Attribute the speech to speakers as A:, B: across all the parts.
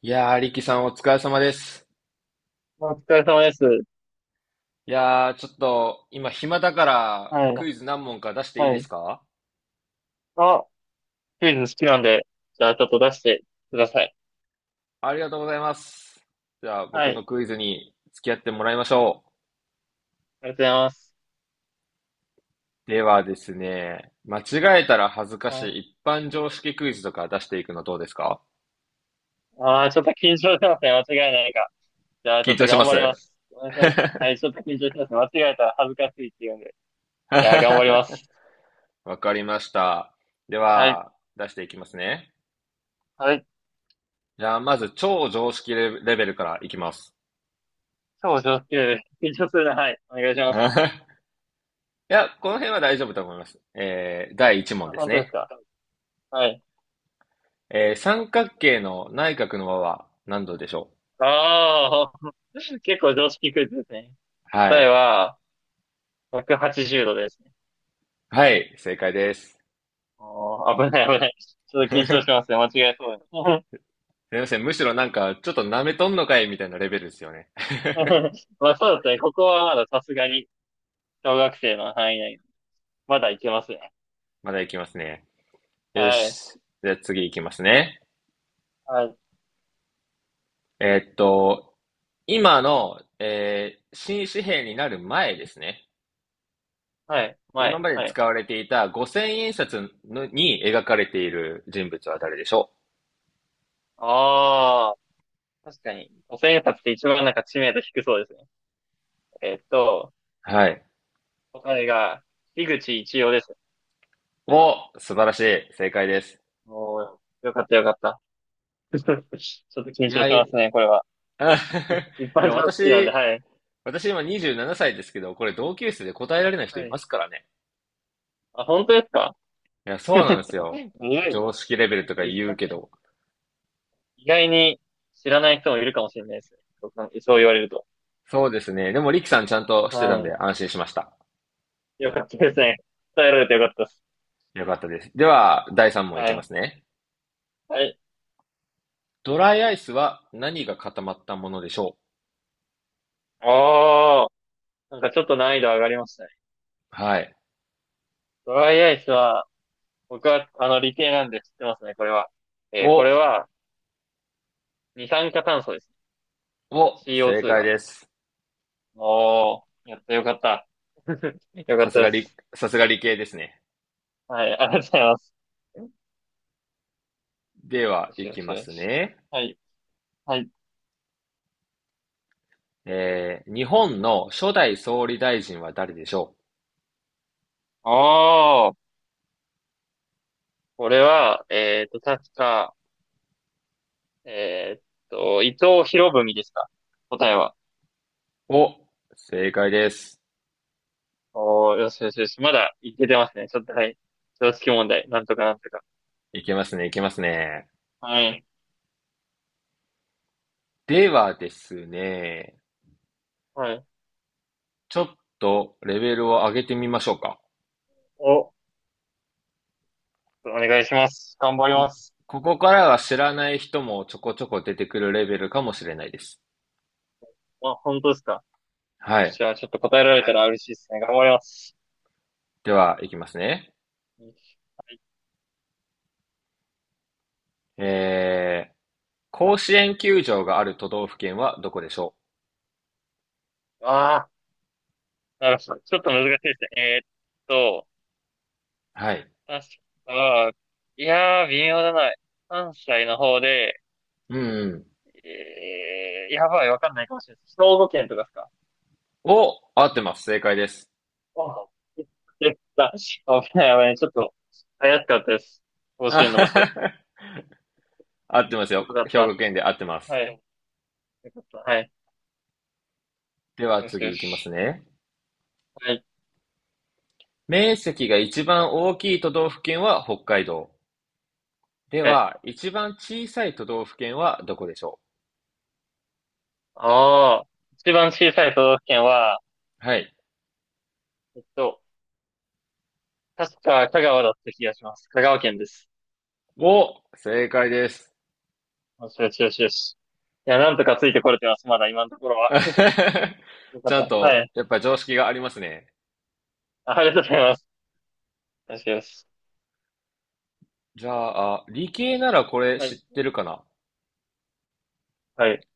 A: いやー、リキさんお疲れ様です。
B: お疲れ様です。
A: いやー、ちょっと今暇だから
B: は
A: ク
B: い。
A: イズ何問か出していい
B: は
A: で
B: い。
A: すか？
B: あ、クイズ好きなんで、じゃあちょっと出してください。
A: ありがとうございます。じゃあ
B: は
A: 僕の
B: い。
A: クイズに付き合ってもらいましょ
B: ありがとうございます。
A: う。ではですね、間違えたら恥ずかし
B: あ
A: い一般常識クイズとか出していくのどうですか？
B: ちょっと緊張してますね。間違いないか。じゃあちょ
A: 緊
B: っ
A: 張
B: と
A: し
B: 頑
A: ま
B: 張りま
A: す。
B: す。お願いします。はい、ちょっと緊張してますね。間違えたら恥ずかしいって言うんで。いやー、頑張りま す。
A: わかりました。で
B: はい。
A: は、出していきますね。
B: はい。
A: じゃあまず超常識レレベルからいきます。
B: 超上級です。緊張するな。はい。お願いします。
A: いや、この辺は大丈夫だと思います。第1問
B: あ、
A: です
B: 本当です
A: ね。
B: か。はい。
A: 三角形の内角の和は何度でしょ
B: ああ、結構常識クイズですね。
A: う？は
B: 答え
A: い。
B: は、180度です。
A: はい、正解です。
B: ああ、危ない危ない。ちょ っと緊張
A: す
B: しますね。間違えそうだね。
A: みません。むしろなんか、ちょっと舐めとんのかいみたいなレベルですよね。
B: まあそうですね。ここはまださすがに小学生の範囲内。まだいけますね。
A: まだいきますね。よ
B: はい。
A: し。じゃあ次いきますね。
B: はい。
A: えーっと、今の、新紙幣になる前ですね。
B: はい。
A: 今
B: 前。
A: まで
B: はい。
A: 使われていた五0 0 0円札のに描かれている人物は誰でしょ
B: ああ、確かに。五千円札って一番なんか知名度低そうですね。えっと、
A: う？はい。
B: 答えが、樋口一葉です。
A: お、素晴らしい。正解です。
B: もう、よかったよかった。ちょっと
A: い
B: 緊張
A: や、
B: します
A: い
B: ね、これは。一
A: い
B: 般
A: や、
B: 常識なんで、
A: 私、
B: はい。
A: 私今27歳ですけど、これ同級生で答えられない人
B: は
A: い
B: い。
A: ますからね。
B: あ、本当ですか？
A: いや、そうなんで
B: す
A: す
B: ご
A: よ。
B: い。
A: 常識レベルと か
B: 一
A: 言う
B: 冊
A: けど。
B: 意外に知らない人もいるかもしれないですね。そうかそう言われると。
A: そうですね。でも、リキさんちゃんとしてたんで
B: は
A: 安心しました。
B: い。よかったですね。伝えられてよかったです。
A: よかったです。では、第3問い
B: は
A: けま
B: い。
A: すね。
B: はい。
A: ドライアイスは何が固まったものでしょ
B: おー。なんかちょっと難易度上がりましたね。
A: う？はい。
B: ドライアイスは、僕は、理系なんで知ってますね、これは。
A: お、
B: これは、二酸化炭素ですね。
A: 正
B: CO2
A: 解
B: が。
A: です。
B: おー。やった、よかった。よか
A: さ
B: っ
A: す
B: たで
A: が理、
B: す。
A: さすが理系ですね。
B: はい、ありがとうございます。
A: では、
B: よし
A: い
B: よ
A: き
B: し
A: ま
B: よ
A: す
B: し。
A: ね。
B: はい、はい。
A: えー、日本の初代総理大臣は誰でしょう？
B: おー。これは、確か、えーっ伊藤博文ですか？答えは。
A: お、正解です。
B: おー、よしよしよし。まだいけてますね。ちょっと、はい。常識問題。なんとかなんとか。
A: いけますね、いけますね。
B: はい。
A: ではですね、
B: はい。
A: ちょっとレベルを上げてみましょうか。
B: お願いします。頑張りま
A: こ、
B: す。
A: ここからは知らない人もちょこちょこ出てくるレベルかもしれないです。
B: あ、本当ですか。
A: は
B: よっ
A: い。
B: しゃ、ちょっと答えられたら嬉しいですね。頑張ります。
A: では、いきますね。
B: はい。
A: えー、甲子園球場がある都道府県はどこでしょ
B: あー、なるほど。ちょっと難しいですね。と、
A: う？はい。
B: 確か、いやー、微妙だな。関西の方で、
A: うんうん。
B: やばい、わかんないかもしれないです。兵庫県とかですか？
A: お、合ってます。正解です。
B: あ、でた、危ない危ない。ちょっと、怪しかったです。甲
A: あ
B: 子園の
A: は
B: 場所。
A: は
B: よ
A: は合ってますよ。
B: かっ
A: 兵
B: た。
A: 庫県で合ってま
B: は
A: す。
B: い。よかった。はい。
A: では
B: よしよ
A: 次いきます
B: し。
A: ね。
B: はい。
A: 面積が一番大きい都道府県は北海道。で
B: はい。
A: は、一番小さい都道府県はどこでしょ
B: ああ、一番小さい都道府県は、
A: う？はい。
B: えっと、確か香川だった気がします。香川県です。
A: お、正解です。
B: よしよしよしよし。いや、なんとかついてこれてます。まだ今のところは。よか
A: ちゃん
B: った。は
A: と、
B: い。
A: やっぱ常識がありますね。
B: ありがとうございます。よしよし。
A: じゃあ、あ理系ならこれ
B: は
A: 知っ
B: い。
A: てるかな？
B: はい。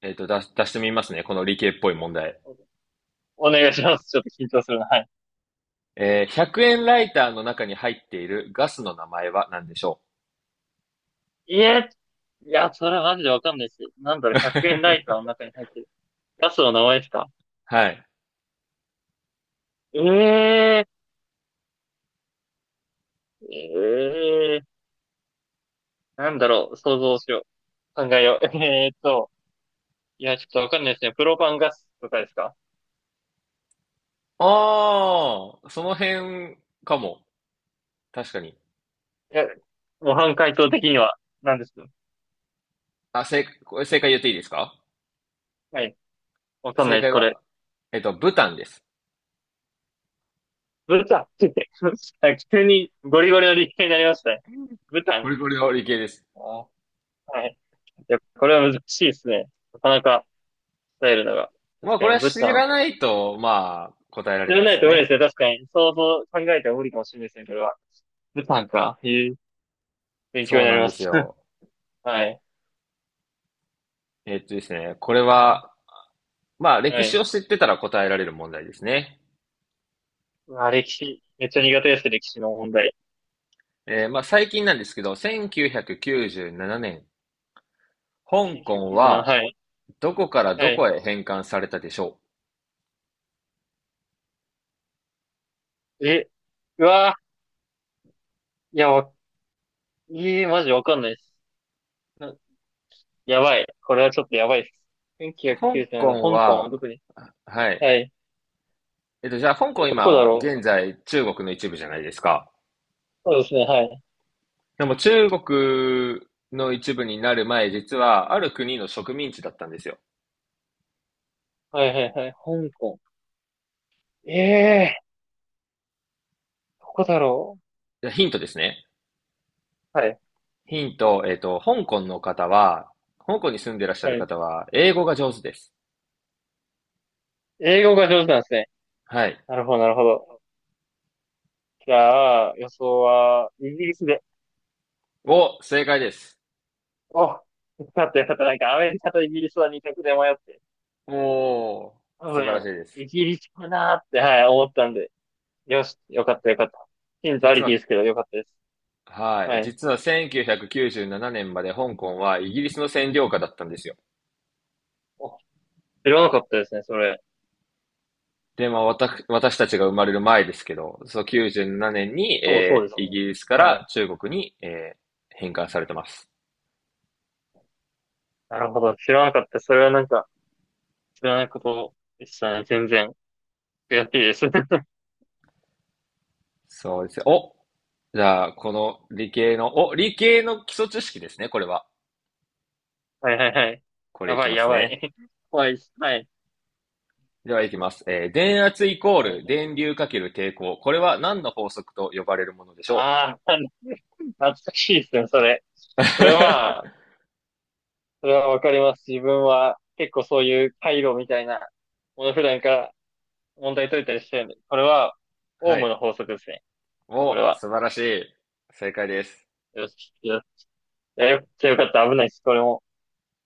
A: 出してみますね。この理系っぽい問題。
B: お願いします。ちょっと緊張するな。はい。
A: 100円ライターの中に入っているガスの名前は何でしょう？
B: いえー、いや、それはマジでわかんないし。なんだろう、100円ライ ターの中に入ってる。ガスの名前ですか？
A: はい。
B: ええーええーなんだろう、想像しよう。考えよう。いや、ちょっとわかんないですね。プロパンガスとかですか？
A: ああ、その辺かも。確かに。
B: いや、模範解答的には、なんですか？
A: これ正解言っていいですか？
B: はい。わかんな
A: 正
B: いです、
A: 解
B: これ。
A: は、ブタンです。
B: ブタンって言って。 あ、急にゴリゴリの立体になりましたね。ブタ
A: こ
B: ン。
A: れこれの理系です。
B: あ、はい。いや、これは難しいですね。なかなか伝えるのが。
A: ま
B: 確
A: あ、
B: か
A: これ
B: に
A: は
B: ブ
A: 知
B: タン。
A: らないと、まあ、答えられ
B: 知
A: な
B: ら
A: いで
B: な
A: す
B: い
A: よ
B: と無理で
A: ね。
B: すね。確かに。想像、考えても無理かもしれないですね、これは。ブタンか。いう勉強
A: そ
B: に
A: う
B: なり
A: なん
B: ま
A: です
B: す。
A: よ。
B: はい。
A: えっとですね、これは、まあ、歴
B: は
A: 史
B: い。
A: を知ってたら答えられる問題ですね。
B: うわ、歴史。めっちゃ苦手ですね、歴史の問題。
A: 最近なんですけど、1997年、香港
B: 1997、
A: は
B: はい。
A: どこから
B: は
A: ど
B: い。
A: こへ返還されたでしょ
B: え、うわ、いや、わ、マジわかんないです。な、やばい。これはちょっとやばいです。
A: う？香
B: 1997年、
A: 港
B: 香港は
A: は、
B: どこに？
A: はい。
B: はい。
A: じゃあ、香
B: え、
A: 港
B: どこだ
A: 今、
B: ろう？
A: 現在中国の一部じゃないですか。
B: そうですね、はい。
A: でも中国の一部になる前、実はある国の植民地だったんですよ。
B: はいはいはい。香港。ええー、どこだろ
A: じゃあヒントですね。
B: う？はい。
A: ヒント、えっと、香港の方は、香港に住んでいらっしゃる
B: はい。
A: 方は、英語が上手です。
B: 英語が上手なんですね。
A: はい。
B: なるほど、なるほど。じゃあ、予想は、イギリスで。
A: お、正解です。
B: お、よかったよかった。なんか、アメリカとイギリスは2択で迷って。
A: おー、
B: 多
A: 素晴らしい
B: 分、
A: です。
B: イギリスかなーって、はい、思ったんで。よし、よかったよかった。ヒントあ
A: 実
B: りき
A: は、
B: ですけど、よかったです。
A: は
B: は
A: い。
B: い。
A: 実は1997年まで香港はイギリスの占領下だったんですよ。
B: お、知らなかったですね、それ。
A: で、まあ、私たちが生まれる前ですけど、そう97年に、
B: そう、そうです
A: イ
B: ね。
A: ギリスか
B: は
A: ら
B: い。
A: 中国に、返還されてます。
B: なるほど。知らなかった。それはなんか、知らないことでしたね。全然。悔しいです。
A: そうですよ。じゃあ、この理系の基礎知識ですね、これは。
B: はいはいはい。
A: これ
B: や
A: いき
B: ばい
A: ま
B: や
A: す
B: ばい。
A: ね。
B: 怖いです。はい。
A: では、いきます。えー電圧イコー
B: はい、
A: ル電流かける抵抗。これは何の法則と呼ばれるものでしょ
B: ああ、懐かしいですね、それ。
A: う？
B: それは、それはわかります。自分は結構そういう回路みたいなもの普段から問題解いたりしてるんで、これはオー
A: は
B: ム
A: い。
B: の法則ですね。これ
A: お、
B: は。
A: 素晴らしい。正解です。
B: よし、よし。いや、よくよかった。危ないです。これも。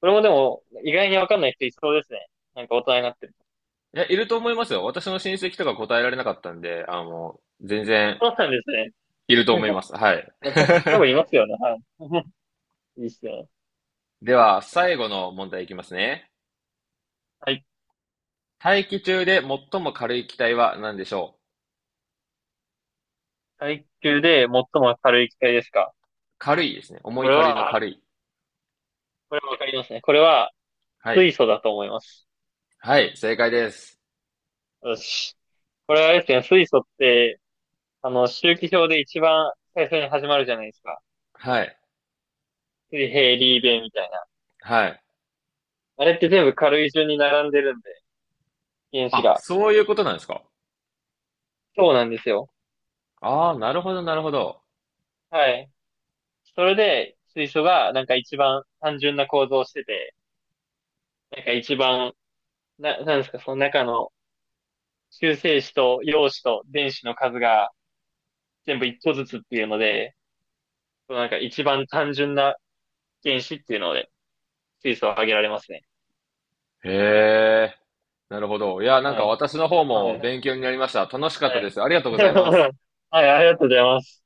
B: これもでも、意外にわかんない人いそうですね。なんか大人になってる。
A: いや、いると思いますよ。私の親戚とか答えられなかったんで、あの、全然
B: そうなんですね。
A: いると思いま す。はい。
B: 多分いますよね。はい。いいっすね。
A: では、
B: よし。
A: 最後の問題いきますね。
B: はい。
A: 大気中で最も軽い気体は何でしょう？
B: 階級で最も軽い機体ですか？
A: 軽いですね。重
B: こ
A: い
B: れ
A: 軽いの軽
B: は、
A: い。
B: これわかりますね。これは
A: はい。
B: 水素だと思います。
A: はい、正解です。
B: よし。これはあれですね、水素って、周期表で一番最初に始まるじゃないですか。
A: はい。
B: 水平、リーベみたいな。
A: はい。
B: あれって全部軽い順に並んでるんで、原子
A: あ、
B: が。
A: そういうことなんですか？
B: そうなんですよ。
A: ああ、なるほど、なるほど。
B: はい。それで、水素がなんか一番単純な構造をしてて、なんか一番、なんですか、その中の中性子と陽子と電子の数が全部一個ずつっていうので、そのなんか一番単純な原子っていうので、水素を挙げられますね。
A: へえ、なるほど。いや、なん
B: は
A: か
B: い。
A: 私の方
B: はい。
A: も
B: はい。
A: 勉強になりました。楽しかったです。ありがとう ございます。
B: はい、ありがとうございます。